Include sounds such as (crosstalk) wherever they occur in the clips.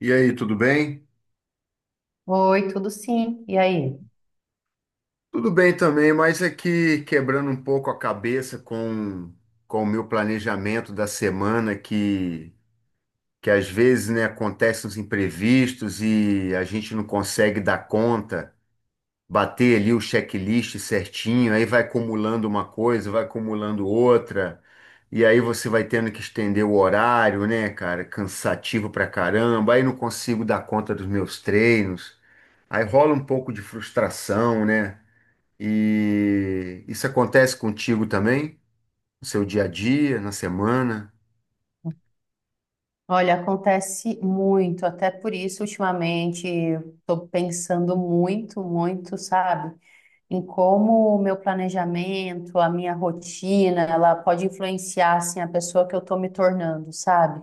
E aí, tudo bem? Oi, tudo sim. E aí? Tudo bem também, mas aqui quebrando um pouco a cabeça com o meu planejamento da semana, que às vezes, né, acontecem os imprevistos e a gente não consegue dar conta, bater ali o checklist certinho, aí vai acumulando uma coisa, vai acumulando outra, e aí você vai tendo que estender o horário, né, cara? Cansativo pra caramba, aí não consigo dar conta dos meus treinos, aí rola um pouco de frustração, né? E isso acontece contigo também, no seu dia a dia, na semana? Olha, acontece muito, até por isso, ultimamente, estou pensando muito, muito, sabe, em como o meu planejamento, a minha rotina, ela pode influenciar, assim, a pessoa que eu estou me tornando, sabe?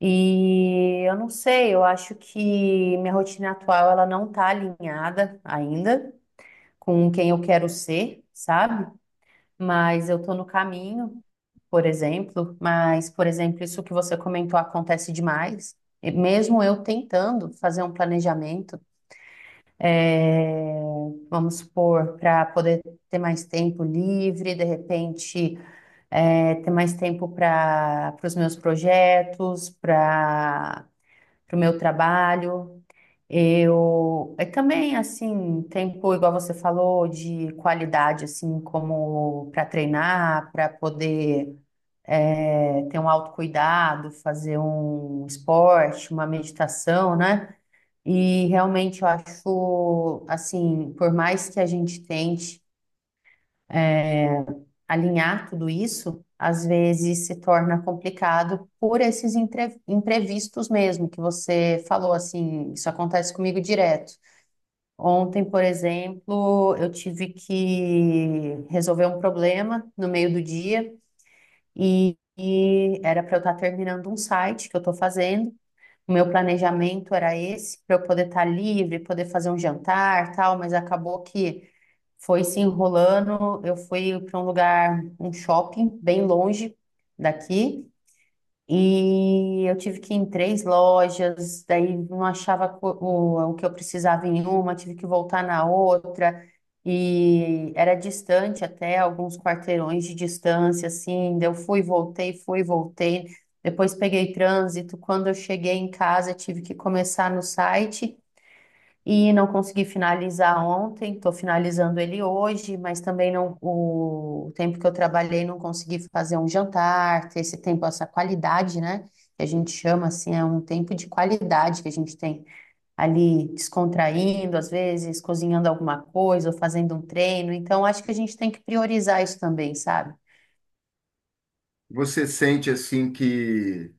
E eu não sei, eu acho que minha rotina atual, ela não está alinhada ainda com quem eu quero ser, sabe? Mas eu tô no caminho, por exemplo. Mas, por exemplo, isso que você comentou acontece demais. E mesmo eu tentando fazer um planejamento, é, vamos supor, para poder ter mais tempo livre, de repente, ter mais tempo para os meus projetos, para o meu trabalho. Eu também assim, tempo igual você falou de qualidade assim, como para treinar, para poder ter um autocuidado, fazer um esporte, uma meditação, né? E realmente eu acho assim, por mais que a gente tente alinhar tudo isso, às vezes se torna complicado por esses imprevistos mesmo que você falou assim, isso acontece comigo direto. Ontem, por exemplo, eu tive que resolver um problema no meio do dia e era para eu estar terminando um site que eu estou fazendo. O meu planejamento era esse, para eu poder estar livre, poder fazer um jantar, tal, mas acabou que foi se enrolando. Eu fui para um lugar, um shopping bem longe daqui. E eu tive que ir em três lojas, daí não achava o que eu precisava em uma, tive que voltar na outra, e era distante até alguns quarteirões de distância, assim, daí eu fui, voltei, depois peguei trânsito, quando eu cheguei em casa tive que começar no site, e não consegui finalizar ontem, estou finalizando ele hoje, mas também não, o tempo que eu trabalhei não consegui fazer um jantar, ter esse tempo, essa qualidade, né? Que a gente chama assim, é um tempo de qualidade que a gente tem ali descontraindo, às vezes cozinhando alguma coisa ou fazendo um treino. Então, acho que a gente tem que priorizar isso também, sabe? Você sente assim que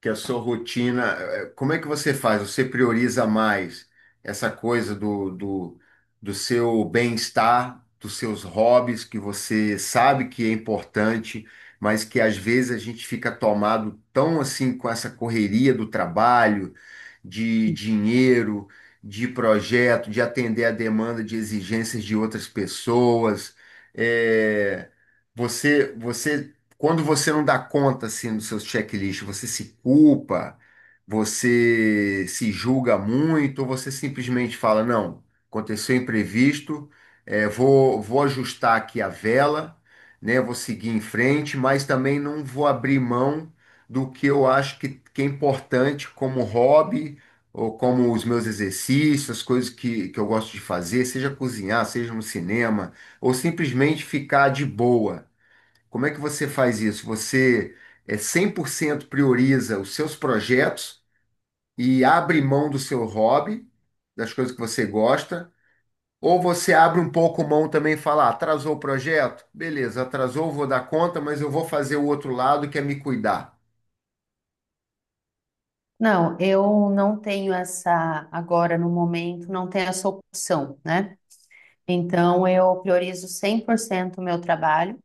que a sua rotina, como é que você faz? Você prioriza mais essa coisa do seu bem-estar, dos seus hobbies, que você sabe que é importante, mas que às vezes a gente fica tomado tão assim com essa correria do trabalho, de dinheiro, de projeto, de atender a demanda de exigências de outras pessoas. Eh, você quando você não dá conta assim dos seus checklists, você se culpa, você se julga muito, ou você simplesmente fala, não, aconteceu imprevisto, é, vou ajustar aqui a vela, né? Vou seguir em frente, mas também não vou abrir mão do que eu acho que é importante como hobby, ou como os meus exercícios, as coisas que eu gosto de fazer, seja cozinhar, seja no cinema, ou simplesmente ficar de boa. Como é que você faz isso? Você é 100% prioriza os seus projetos e abre mão do seu hobby, das coisas que você gosta, ou você abre um pouco mão também e fala, "Ah, atrasou o projeto? Beleza, atrasou, vou dar conta, mas eu vou fazer o outro lado que é me cuidar." Não, eu não tenho essa, agora no momento, não tenho essa opção, né? Então, eu priorizo 100% o meu trabalho.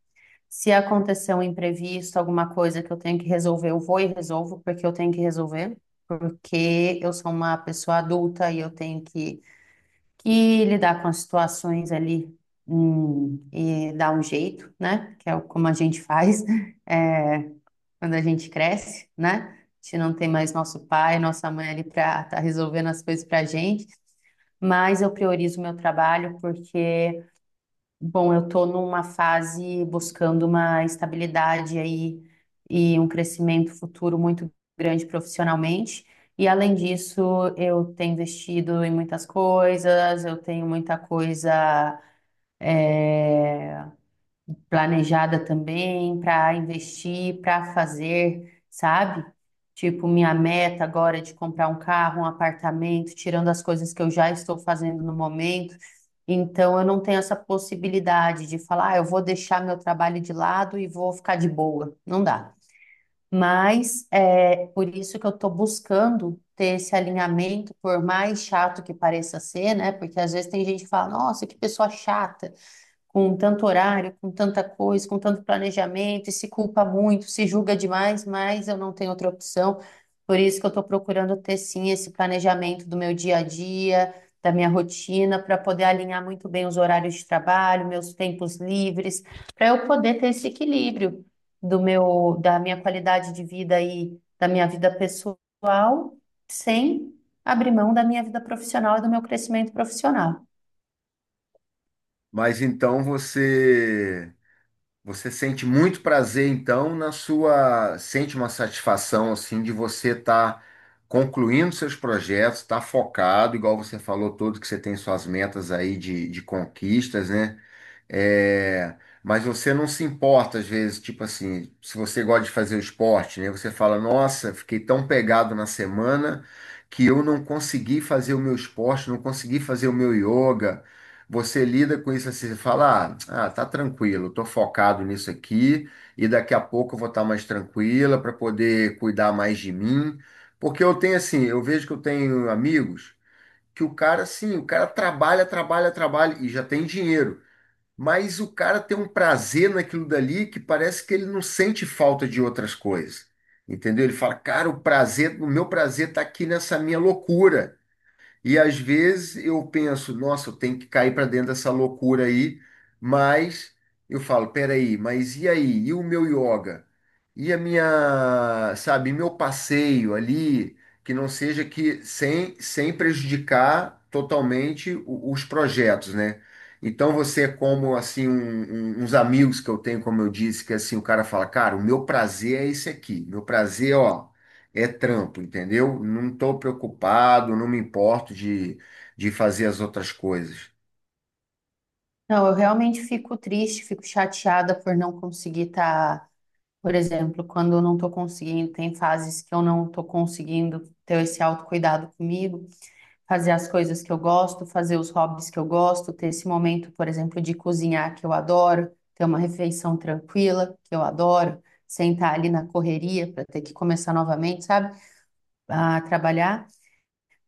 Se acontecer um imprevisto, alguma coisa que eu tenho que resolver, eu vou e resolvo, porque eu tenho que resolver, porque eu sou uma pessoa adulta e eu tenho que lidar com as situações ali, e dar um jeito, né? Que é como a gente faz, (laughs) é, quando a gente cresce, né? A gente não tem mais nosso pai, nossa mãe ali para estar resolvendo as coisas para a gente, mas eu priorizo o meu trabalho porque bom, eu estou numa fase buscando uma estabilidade aí e um crescimento futuro muito grande profissionalmente. E além disso, eu tenho investido em muitas coisas, eu tenho muita coisa planejada também para investir, para fazer, sabe? Tipo, minha meta agora é de comprar um carro, um apartamento, tirando as coisas que eu já estou fazendo no momento. Então, eu não tenho essa possibilidade de falar, ah, eu vou deixar meu trabalho de lado e vou ficar de boa. Não dá. Mas é por isso que eu estou buscando ter esse alinhamento, por mais chato que pareça ser, né? Porque às vezes tem gente que fala, nossa, que pessoa chata com tanto horário, com tanta coisa, com tanto planejamento, e se culpa muito, se julga demais, mas eu não tenho outra opção. Por isso que eu estou procurando ter sim esse planejamento do meu dia a dia, da minha rotina, para poder alinhar muito bem os horários de trabalho, meus tempos livres, para eu poder ter esse equilíbrio do meu, da minha qualidade de vida e da minha vida pessoal, sem abrir mão da minha vida profissional e do meu crescimento profissional. Mas então você Você sente muito prazer, então, na sua. Sente uma satisfação, assim, de você estar concluindo seus projetos, estar focado, igual você falou todo, que você tem suas metas aí de conquistas, né? É, mas você não se importa, às vezes, tipo assim, se você gosta de fazer o esporte, né? Você fala, nossa, fiquei tão pegado na semana que eu não consegui fazer o meu esporte, não consegui fazer o meu yoga. Você lida com isso assim, você fala, tá tranquilo, tô focado nisso aqui e daqui a pouco eu vou estar mais tranquila para poder cuidar mais de mim. Porque eu tenho assim, eu vejo que eu tenho amigos que o cara, assim, o cara trabalha, trabalha, trabalha e já tem dinheiro, mas o cara tem um prazer naquilo dali que parece que ele não sente falta de outras coisas. Entendeu? Ele fala, cara, o prazer, o meu prazer tá aqui nessa minha loucura. E às vezes eu penso, nossa, eu tenho que cair para dentro dessa loucura aí, mas eu falo, peraí, mas e aí? E o meu yoga? E a minha, sabe, meu passeio ali, que não seja que sem prejudicar totalmente os projetos, né? Então você é como assim uns amigos que eu tenho, como eu disse, que assim o cara fala, cara, o meu prazer é esse aqui, meu prazer, ó. É trampo, entendeu? Não estou preocupado, não me importo de fazer as outras coisas. Não, eu realmente fico triste, fico chateada por não conseguir estar, por exemplo, quando eu não estou conseguindo, tem fases que eu não estou conseguindo ter esse autocuidado comigo, fazer as coisas que eu gosto, fazer os hobbies que eu gosto, ter esse momento, por exemplo, de cozinhar que eu adoro, ter uma refeição tranquila que eu adoro, sentar ali na correria para ter que começar novamente, sabe, a trabalhar.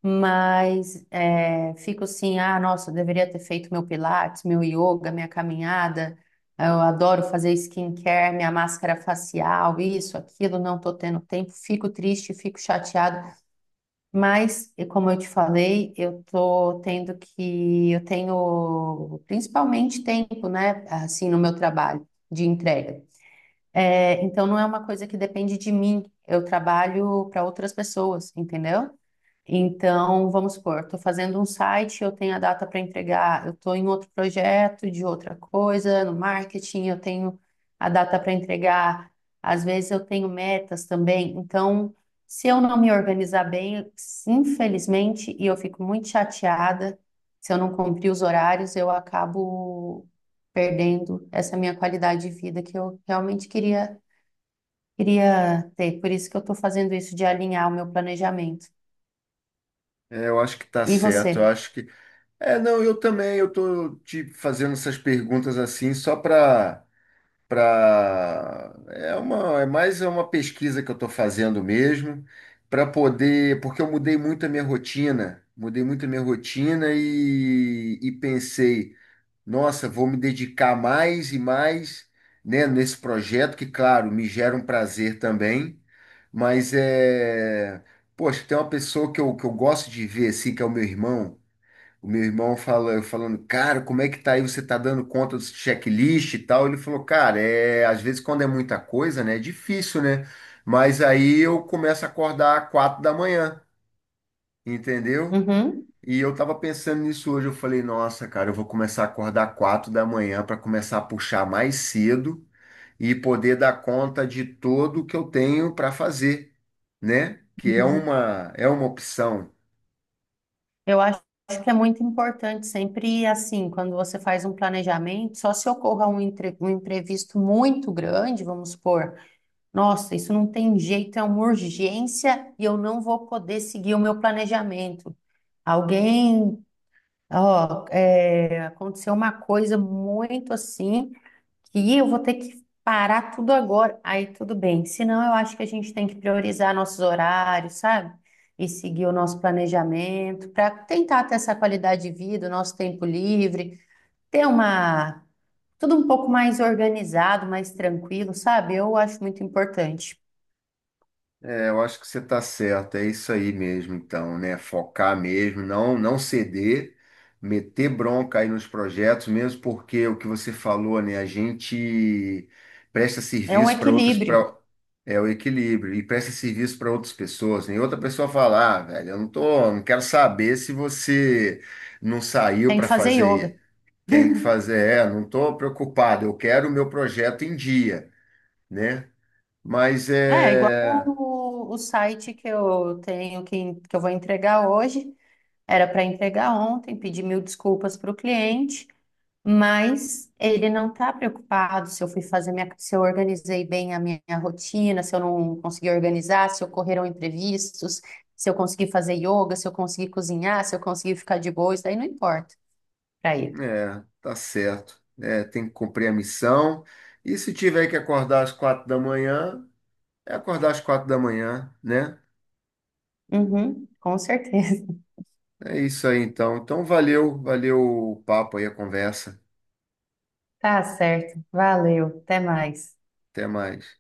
Mas é, fico assim, ah, nossa, eu deveria ter feito meu pilates, meu yoga, minha caminhada. Eu adoro fazer skincare, minha máscara facial, isso, aquilo, não tô tendo tempo. Fico triste, fico chateado. Mas, e como eu te falei, eu tô tendo que, eu tenho principalmente tempo, né, assim, no meu trabalho de entrega. É, então, não é uma coisa que depende de mim. Eu trabalho para outras pessoas, entendeu? Então, vamos supor, estou fazendo um site, eu tenho a data para entregar, eu estou em outro projeto de outra coisa, no marketing, eu tenho a data para entregar, às vezes eu tenho metas também. Então, se eu não me organizar bem, infelizmente, e eu fico muito chateada, se eu não cumprir os horários, eu acabo perdendo essa minha qualidade de vida que eu realmente queria, queria ter. Por isso que eu estou fazendo isso de alinhar o meu planejamento. É, eu acho que tá E certo. Eu você? acho que. É, não, eu também. Eu tô te fazendo essas perguntas assim só para para é uma é mais é uma pesquisa que eu estou fazendo mesmo para poder porque eu mudei muito a minha rotina, mudei muito a minha rotina e pensei, nossa, vou me dedicar mais e mais, né, nesse projeto que, claro, me gera um prazer também, mas é, poxa, tem uma pessoa que eu gosto de ver assim, que é o meu irmão. O meu irmão fala, eu falando, cara, como é que tá aí? Você tá dando conta dos checklist e tal? Ele falou, cara, é, às vezes quando é muita coisa, né, é difícil, né? Mas aí eu começo a acordar às 4 da manhã, entendeu? Uhum, E eu tava pensando nisso hoje, eu falei, nossa, cara, eu vou começar a acordar 4 da manhã para começar a puxar mais cedo e poder dar conta de tudo que eu tenho para fazer, né? Que uhum. É uma opção. Eu acho que é muito importante sempre assim, quando você faz um planejamento, só se ocorra um, um imprevisto muito grande, vamos supor, nossa, isso não tem jeito, é uma urgência e eu não vou poder seguir o meu planejamento. Alguém, ó, é, aconteceu uma coisa muito assim. Que eu vou ter que parar tudo agora. Aí tudo bem. Senão, eu acho que a gente tem que priorizar nossos horários, sabe? E seguir o nosso planejamento para tentar ter essa qualidade de vida, o nosso tempo livre, ter uma tudo um pouco mais organizado, mais tranquilo, sabe? Eu acho muito importante. É, eu acho que você está certo, é isso aí mesmo, então, né? Focar mesmo, não ceder, meter bronca aí nos projetos, mesmo porque o que você falou, né? A gente presta É um serviço para outras, equilíbrio. para é o equilíbrio e presta serviço para outras pessoas, né? E outra pessoa fala, ah, velho, eu não tô, não quero saber se você não saiu Tem que para fazer fazer, yoga. tem que fazer, é, não tô preocupado, eu quero o meu projeto em dia, né? Mas É, igual é. o site que eu tenho, que eu vou entregar hoje, era para entregar ontem, pedi mil desculpas para o cliente. Mas ele não está preocupado se eu fui fazer minha, se eu organizei bem a minha rotina, se eu não consegui organizar, se ocorreram imprevistos, se eu consegui fazer yoga, se eu consegui cozinhar, se eu consegui ficar de boa, isso daí não importa para ele. É, tá certo. É, tem que cumprir a missão. E se tiver que acordar às 4 da manhã, é acordar às 4 da manhã, né? Uhum, com certeza. (laughs) É isso aí, então. Então, valeu, valeu o papo aí, a conversa. Tá certo. Valeu. Até mais. Até mais.